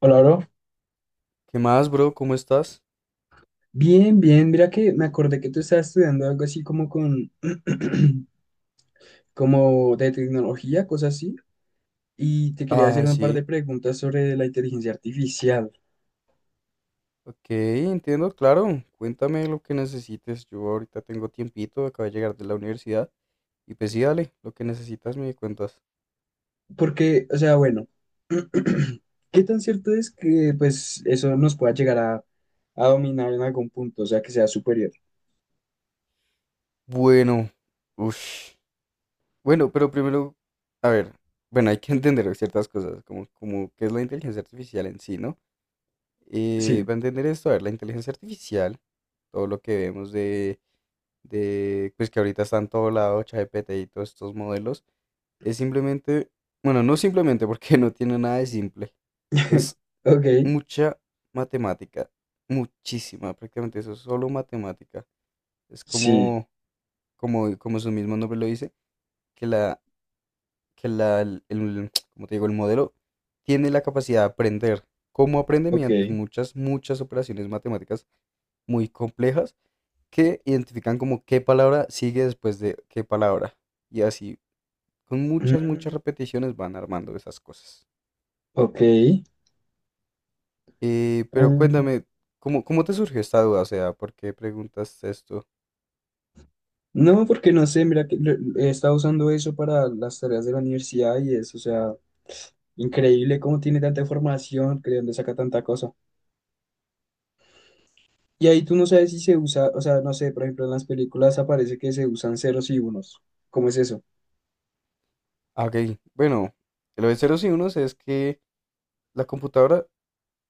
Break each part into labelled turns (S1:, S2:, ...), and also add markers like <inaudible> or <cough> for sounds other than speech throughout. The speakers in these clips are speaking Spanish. S1: Hola, bro.
S2: ¿Qué más, bro? ¿Cómo estás?
S1: Bien, bien. Mira que me acordé que tú estabas estudiando algo así como con, <clears throat> como de tecnología, cosas así. Y te quería hacer
S2: Ah,
S1: un par
S2: sí.
S1: de preguntas sobre la inteligencia artificial.
S2: Ok, entiendo, claro. Cuéntame lo que necesites. Yo ahorita tengo tiempito, acabo de llegar de la universidad. Y pues sí, dale, lo que necesitas me cuentas.
S1: Porque, <clears throat> ¿qué tan cierto es que, pues, eso nos pueda llegar a dominar en algún punto? O sea, que sea superior.
S2: Bueno, uff. Bueno, pero primero, a ver, bueno, hay que <laughs> entender ciertas cosas, como, como qué es la inteligencia artificial en sí, ¿no?
S1: Sí.
S2: Para entender esto, a ver, la inteligencia artificial, todo lo que vemos de, pues que ahorita está en todo lado, ChatGPT y todos estos modelos. Es simplemente, bueno, no simplemente porque <laughs> no tiene nada de simple.
S1: <laughs>
S2: Es
S1: Ok.
S2: mucha matemática, muchísima, prácticamente eso es solo matemática. Es
S1: Sí.
S2: como, como, como su mismo nombre lo dice, que la, que <tsk> como te digo, el modelo tiene la capacidad de aprender. ¿Cómo aprende? Mediante
S1: Ok.
S2: muchas, muchas operaciones matemáticas muy complejas que identifican como qué palabra sigue después de qué palabra. Y así, con muchas, muchas
S1: Mm,
S2: repeticiones van armando esas cosas.
S1: ok.
S2: Pero
S1: Ah.
S2: cuéntame, ¿cómo, cómo te surgió esta duda? O sea, ¿por qué preguntas esto?
S1: No, porque no sé, mira que he estado usando eso para las tareas de la universidad y es, o sea, increíble cómo tiene tanta información, que de dónde saca tanta cosa. Y ahí tú no sabes si se usa, o sea, no sé, por ejemplo, en las películas aparece que se usan ceros y unos. ¿Cómo es eso?
S2: Ah, Ok, bueno, lo de ceros y unos es que la computadora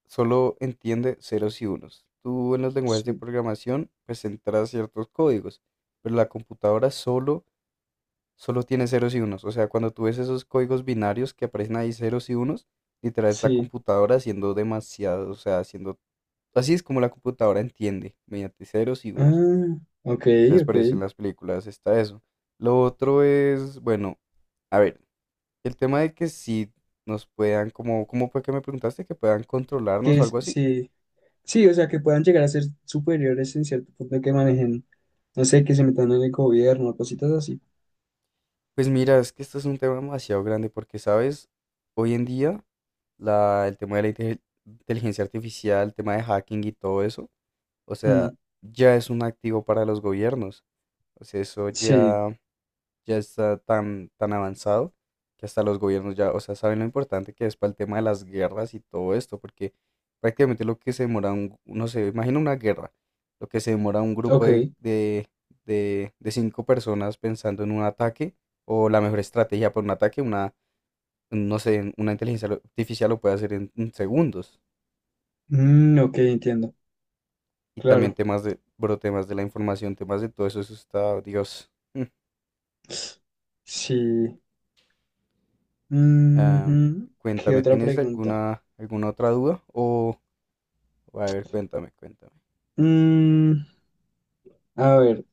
S2: solo entiende ceros y unos. Tú en los lenguajes de
S1: Sí,
S2: programación pues entras ciertos códigos, pero la computadora solo, solo tiene ceros y unos. O sea, cuando tú ves esos códigos binarios que aparecen ahí ceros y unos, literal es la
S1: sí.
S2: computadora haciendo demasiado, o sea, haciendo... Así es como la computadora entiende, mediante ceros y unos.
S1: Ah, ok,
S2: Entonces
S1: ok.
S2: por eso en las películas está eso. Lo otro es, bueno, a ver, el tema de que si nos puedan, como, ¿cómo fue que me preguntaste? Que puedan controlarnos o algo así.
S1: Sí, sí, o sea, que puedan llegar a ser superiores en cierto punto que manejen, no sé, que se metan en el gobierno, cositas así.
S2: Pues mira, es que esto es un tema demasiado grande porque, ¿sabes? Hoy en día, el tema de la inteligencia artificial, el tema de hacking y todo eso, o sea,
S1: Mm,
S2: ya es un activo para los gobiernos. O sea, eso
S1: sí,
S2: ya ya está tan, tan avanzado que hasta los gobiernos ya, o sea, saben lo importante que es para el tema de las guerras y todo esto, porque prácticamente lo que se demora, un, no sé, imagina una guerra, lo que se demora un grupo
S1: ok.
S2: de cinco personas pensando en un ataque o la mejor estrategia para un ataque, una, no sé, una artificial lo puede hacer en segundos.
S1: Mm, ok, entiendo,
S2: Y también
S1: claro.
S2: temas de, bro, temas de la información, temas de todo eso, eso está, Dios. Mm.
S1: Sí.
S2: Ah,
S1: Ujú. ¿Qué
S2: cuéntame,
S1: otra
S2: ¿tienes
S1: pregunta?
S2: alguna, alguna otra duda? O, a ver, cuéntame, cuéntame.
S1: Mm, a ver,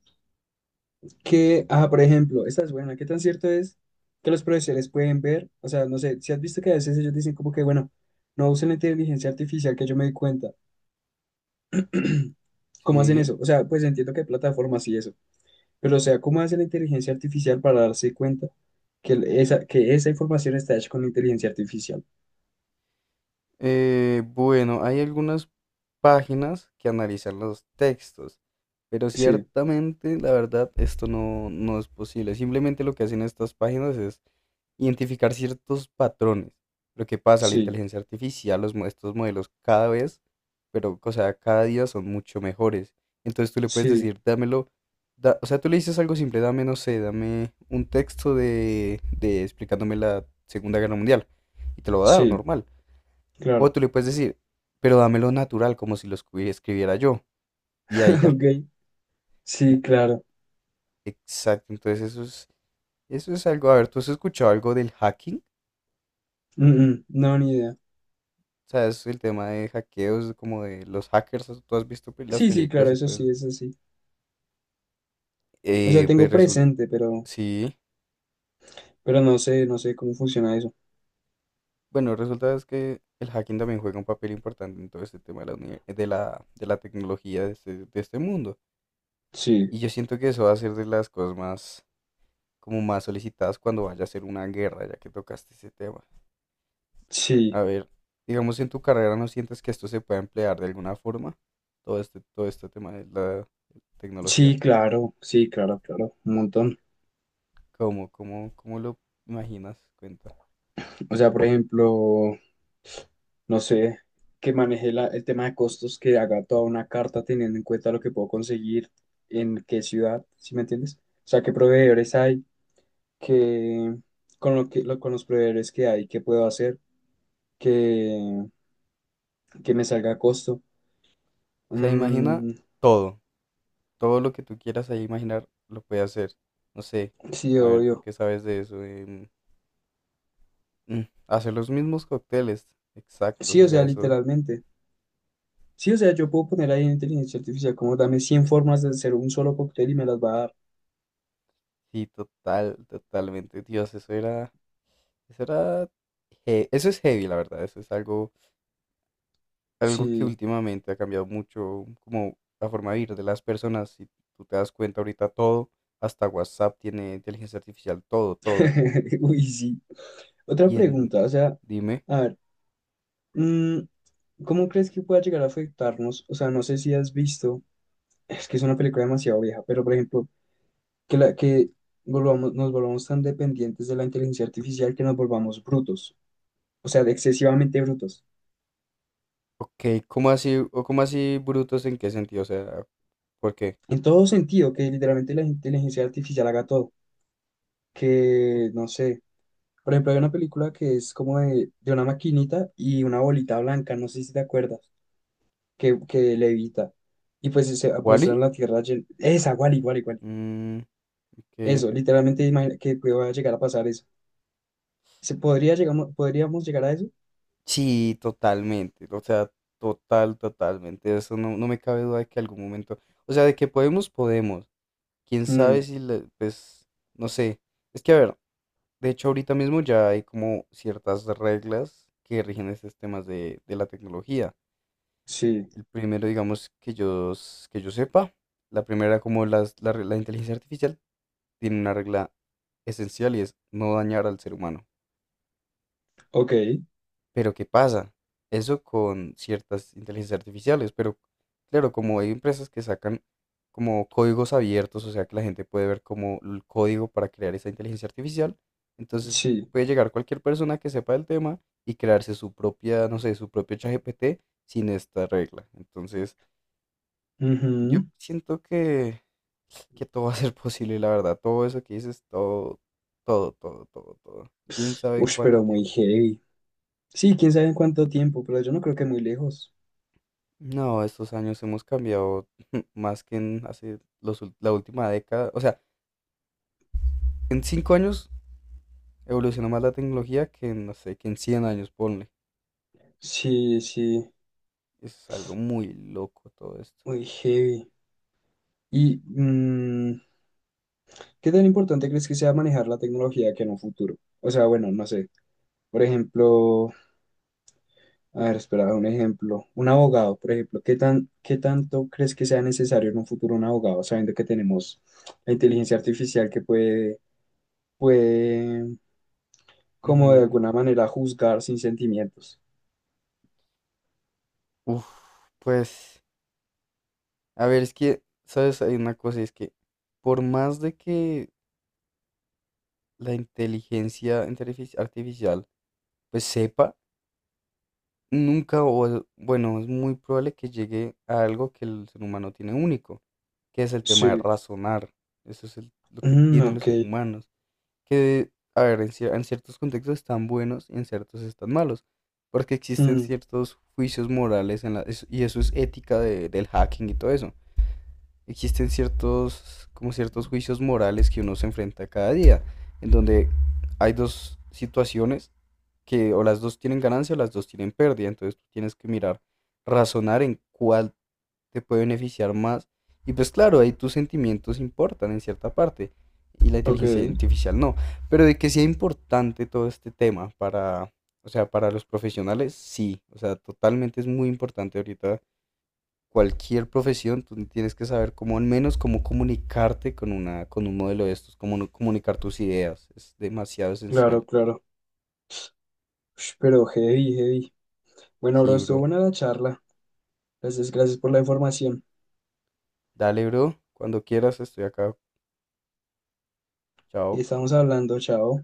S1: ¿qué? Ah, por ejemplo, esta es buena. ¿Qué tan cierto es que los profesores pueden ver? O sea, no sé, si has visto que a veces ellos dicen como que, bueno, no usen la inteligencia artificial, que yo me di cuenta. ¿Cómo hacen
S2: Sí.
S1: eso? O sea, pues entiendo que hay plataformas y eso, pero o sea, ¿cómo hace la inteligencia artificial para darse cuenta que que esa información está hecha con inteligencia artificial?
S2: Bueno, hay algunas páginas que analizan los textos, pero
S1: Sí,
S2: ciertamente, la verdad, esto no, no es posible. Simplemente lo que hacen estas páginas es identificar ciertos patrones. Lo que pasa, la
S1: sí,
S2: inteligencia artificial, estos modelos cada vez, pero, o sea, cada día son mucho mejores. Entonces tú le puedes
S1: sí,
S2: decir, dámelo, o sea, tú le dices algo simple, dame, no sé, dame un texto de explicándome la Segunda Guerra Mundial y te lo va a dar,
S1: sí,
S2: normal. O
S1: claro.
S2: tú le puedes decir, pero dámelo natural, como si lo escribiera yo. Y ahí
S1: <laughs>
S2: ya.
S1: Ok,
S2: En-
S1: sí, claro.
S2: Exacto, entonces eso es algo, a ver, ¿tú has escuchado algo del hacking?
S1: Mm, mm, no, ni idea.
S2: O sea, es el tema de hackeos, como de los hackers, tú has visto las
S1: Sí, sí,
S2: películas
S1: claro,
S2: y
S1: eso
S2: todo eso.
S1: sí, eso sí. O sea,
S2: Pues
S1: tengo
S2: resulta,
S1: presente,
S2: sí,
S1: pero no sé, no sé cómo funciona eso.
S2: bueno, resulta es que el hacking también juega un papel importante en todo este tema de la, de la tecnología de este mundo.
S1: Sí,
S2: Y yo siento que eso va a ser de las cosas más, como más solicitadas cuando vaya a ser una guerra, ya que tocaste ese tema. A
S1: sí,
S2: ver, digamos en tu carrera, ¿no sientes que esto se puede emplear de alguna forma? Todo este tema de la tecnología.
S1: sí, claro, sí, claro, claro, un montón.
S2: ¿Cómo, cómo, cómo lo imaginas? Cuenta.
S1: O sea, por ejemplo, no sé, que maneje el tema de costos, que haga toda una carta teniendo en cuenta lo que puedo conseguir en qué ciudad, ¿sí me entiendes? O sea, qué proveedores hay, que con los proveedores que hay, qué puedo hacer, que, que me salga a costo.
S2: O sea, imagina
S1: Mm,
S2: todo, todo lo que tú quieras ahí imaginar lo puedes hacer. No sé,
S1: sí,
S2: a ver, ¿tú
S1: obvio.
S2: qué sabes de eso? Mm, Hacer los mismos cócteles, exactos,
S1: Sí,
S2: o
S1: o
S2: sea,
S1: sea,
S2: eso
S1: literalmente. Sí, o sea, yo puedo poner ahí en inteligencia artificial como dame 100 formas de hacer un solo cóctel y me las va a dar.
S2: sí, total, totalmente. Dios, eso era, eso era, eso es heavy, la verdad, eso es algo, algo que
S1: Sí.
S2: últimamente ha cambiado mucho, como la forma de vivir de las personas. Si tú te das cuenta ahorita todo, hasta WhatsApp tiene inteligencia artificial, todo, todo.
S1: <laughs> Uy, sí. Otra
S2: Y en-
S1: pregunta, o sea,
S2: Dime.
S1: a ver, mm, ¿cómo crees que pueda llegar a afectarnos? O sea, no sé si has visto, es que es una película demasiado vieja, pero por ejemplo, que, la, que volvamos, nos volvamos tan dependientes de la inteligencia artificial que nos volvamos brutos, o sea, de excesivamente brutos.
S2: Ok, ¿cómo así, o cómo así brutos en qué sentido? O sea, ¿por qué?
S1: En todo sentido, que literalmente la inteligencia artificial haga todo. Que, no sé, por ejemplo, hay una película que es como de una maquinita y una bolita blanca, no sé si te acuerdas, que levita. Y pues se muestra
S2: ¿Wally?
S1: en la Tierra esa, igual, igual, igual.
S2: Mm, ok.
S1: Eso, literalmente imagina que pueda llegar a pasar eso. ¿Se podría podríamos llegar a eso?
S2: Sí, totalmente. O sea, total, totalmente. Eso no, no me cabe duda de que algún momento. O sea, de que podemos, podemos. Quién sabe
S1: Mm,
S2: si, pues, no sé. Es que, a ver, de hecho, ahorita mismo ya hay como ciertas reglas que rigen estos temas de la tecnología.
S1: sí,
S2: El primero, digamos, que yo, que yo sepa. La primera, como la inteligencia artificial tiene una regla esencial y es no dañar al ser humano.
S1: ok,
S2: Pero ¿qué pasa? Eso con ciertas inteligencias artificiales, pero claro, como hay empresas que sacan como códigos abiertos, o sea que la gente puede ver como el código para crear esa inteligencia artificial, entonces
S1: sí.
S2: puede llegar cualquier persona que sepa del tema y crearse su propia, no sé, su propio ChatGPT sin esta regla. Entonces, yo
S1: Ujú.
S2: siento que todo va a ser posible, la verdad. Todo eso que dices, todo, todo, todo, todo, todo. ¿Quién sabe en
S1: Uy,
S2: cuánto
S1: pero muy
S2: tiempo?
S1: heavy. Sí, quién sabe en cuánto tiempo, pero yo no creo que muy lejos.
S2: No, estos años hemos cambiado <laughs> más que en hace la última década. O sea, en 5 años evolucionó más la tecnología que en, no sé, que en 100 años, ponle.
S1: Sí, sí,
S2: Es algo muy loco todo esto.
S1: muy heavy. Y, mm, ¿Qué tan importante crees que sea manejar la tecnología que en un futuro? O sea, bueno, no sé. Por ejemplo, a ver, espera, un ejemplo. Un abogado, por ejemplo. ¿Qué tan, qué tanto crees que sea necesario en un futuro un abogado, sabiendo que tenemos la inteligencia artificial que puede, puede, como de
S2: Ujú.
S1: alguna manera, juzgar sin sentimientos?
S2: Uf, pues, a ver, es que, ¿sabes? Hay una cosa, es que por más de que la artificial pues sepa, nunca, bueno, es muy probable que llegue a algo que el ser humano tiene único, que es el tema de
S1: Sí.
S2: razonar. Eso es lo que
S1: Mm,
S2: tienen los
S1: ok.
S2: seres humanos. Que, a ver, en ciertos contextos están buenos y en ciertos están malos. Porque existen
S1: Mm,
S2: ciertos juicios morales en la, y eso es ética del hacking y todo eso. Existen ciertos, como ciertos juicios morales que uno se enfrenta cada día, en donde hay dos situaciones que o las dos tienen ganancia o las dos tienen pérdida. Entonces tú tienes que mirar, razonar en cuál te puede beneficiar más. Y pues claro, ahí tus sentimientos importan en cierta parte y la
S1: ok.
S2: inteligencia artificial no. Pero de que sea importante todo este tema para, o sea, para los profesionales, sí. O sea, totalmente es muy importante ahorita cualquier profesión, tú tienes que saber cómo al menos cómo comunicarte con una, con un modelo de estos, cómo no comunicar tus ideas. Es demasiado esencial.
S1: Claro, claro. Ush, pero heavy, heavy. Bueno, bro,
S2: Sí,
S1: estuvo
S2: bro.
S1: buena la charla. Gracias, gracias por la información.
S2: Dale, bro. Cuando quieras, estoy acá. Chao.
S1: Estamos hablando, chao.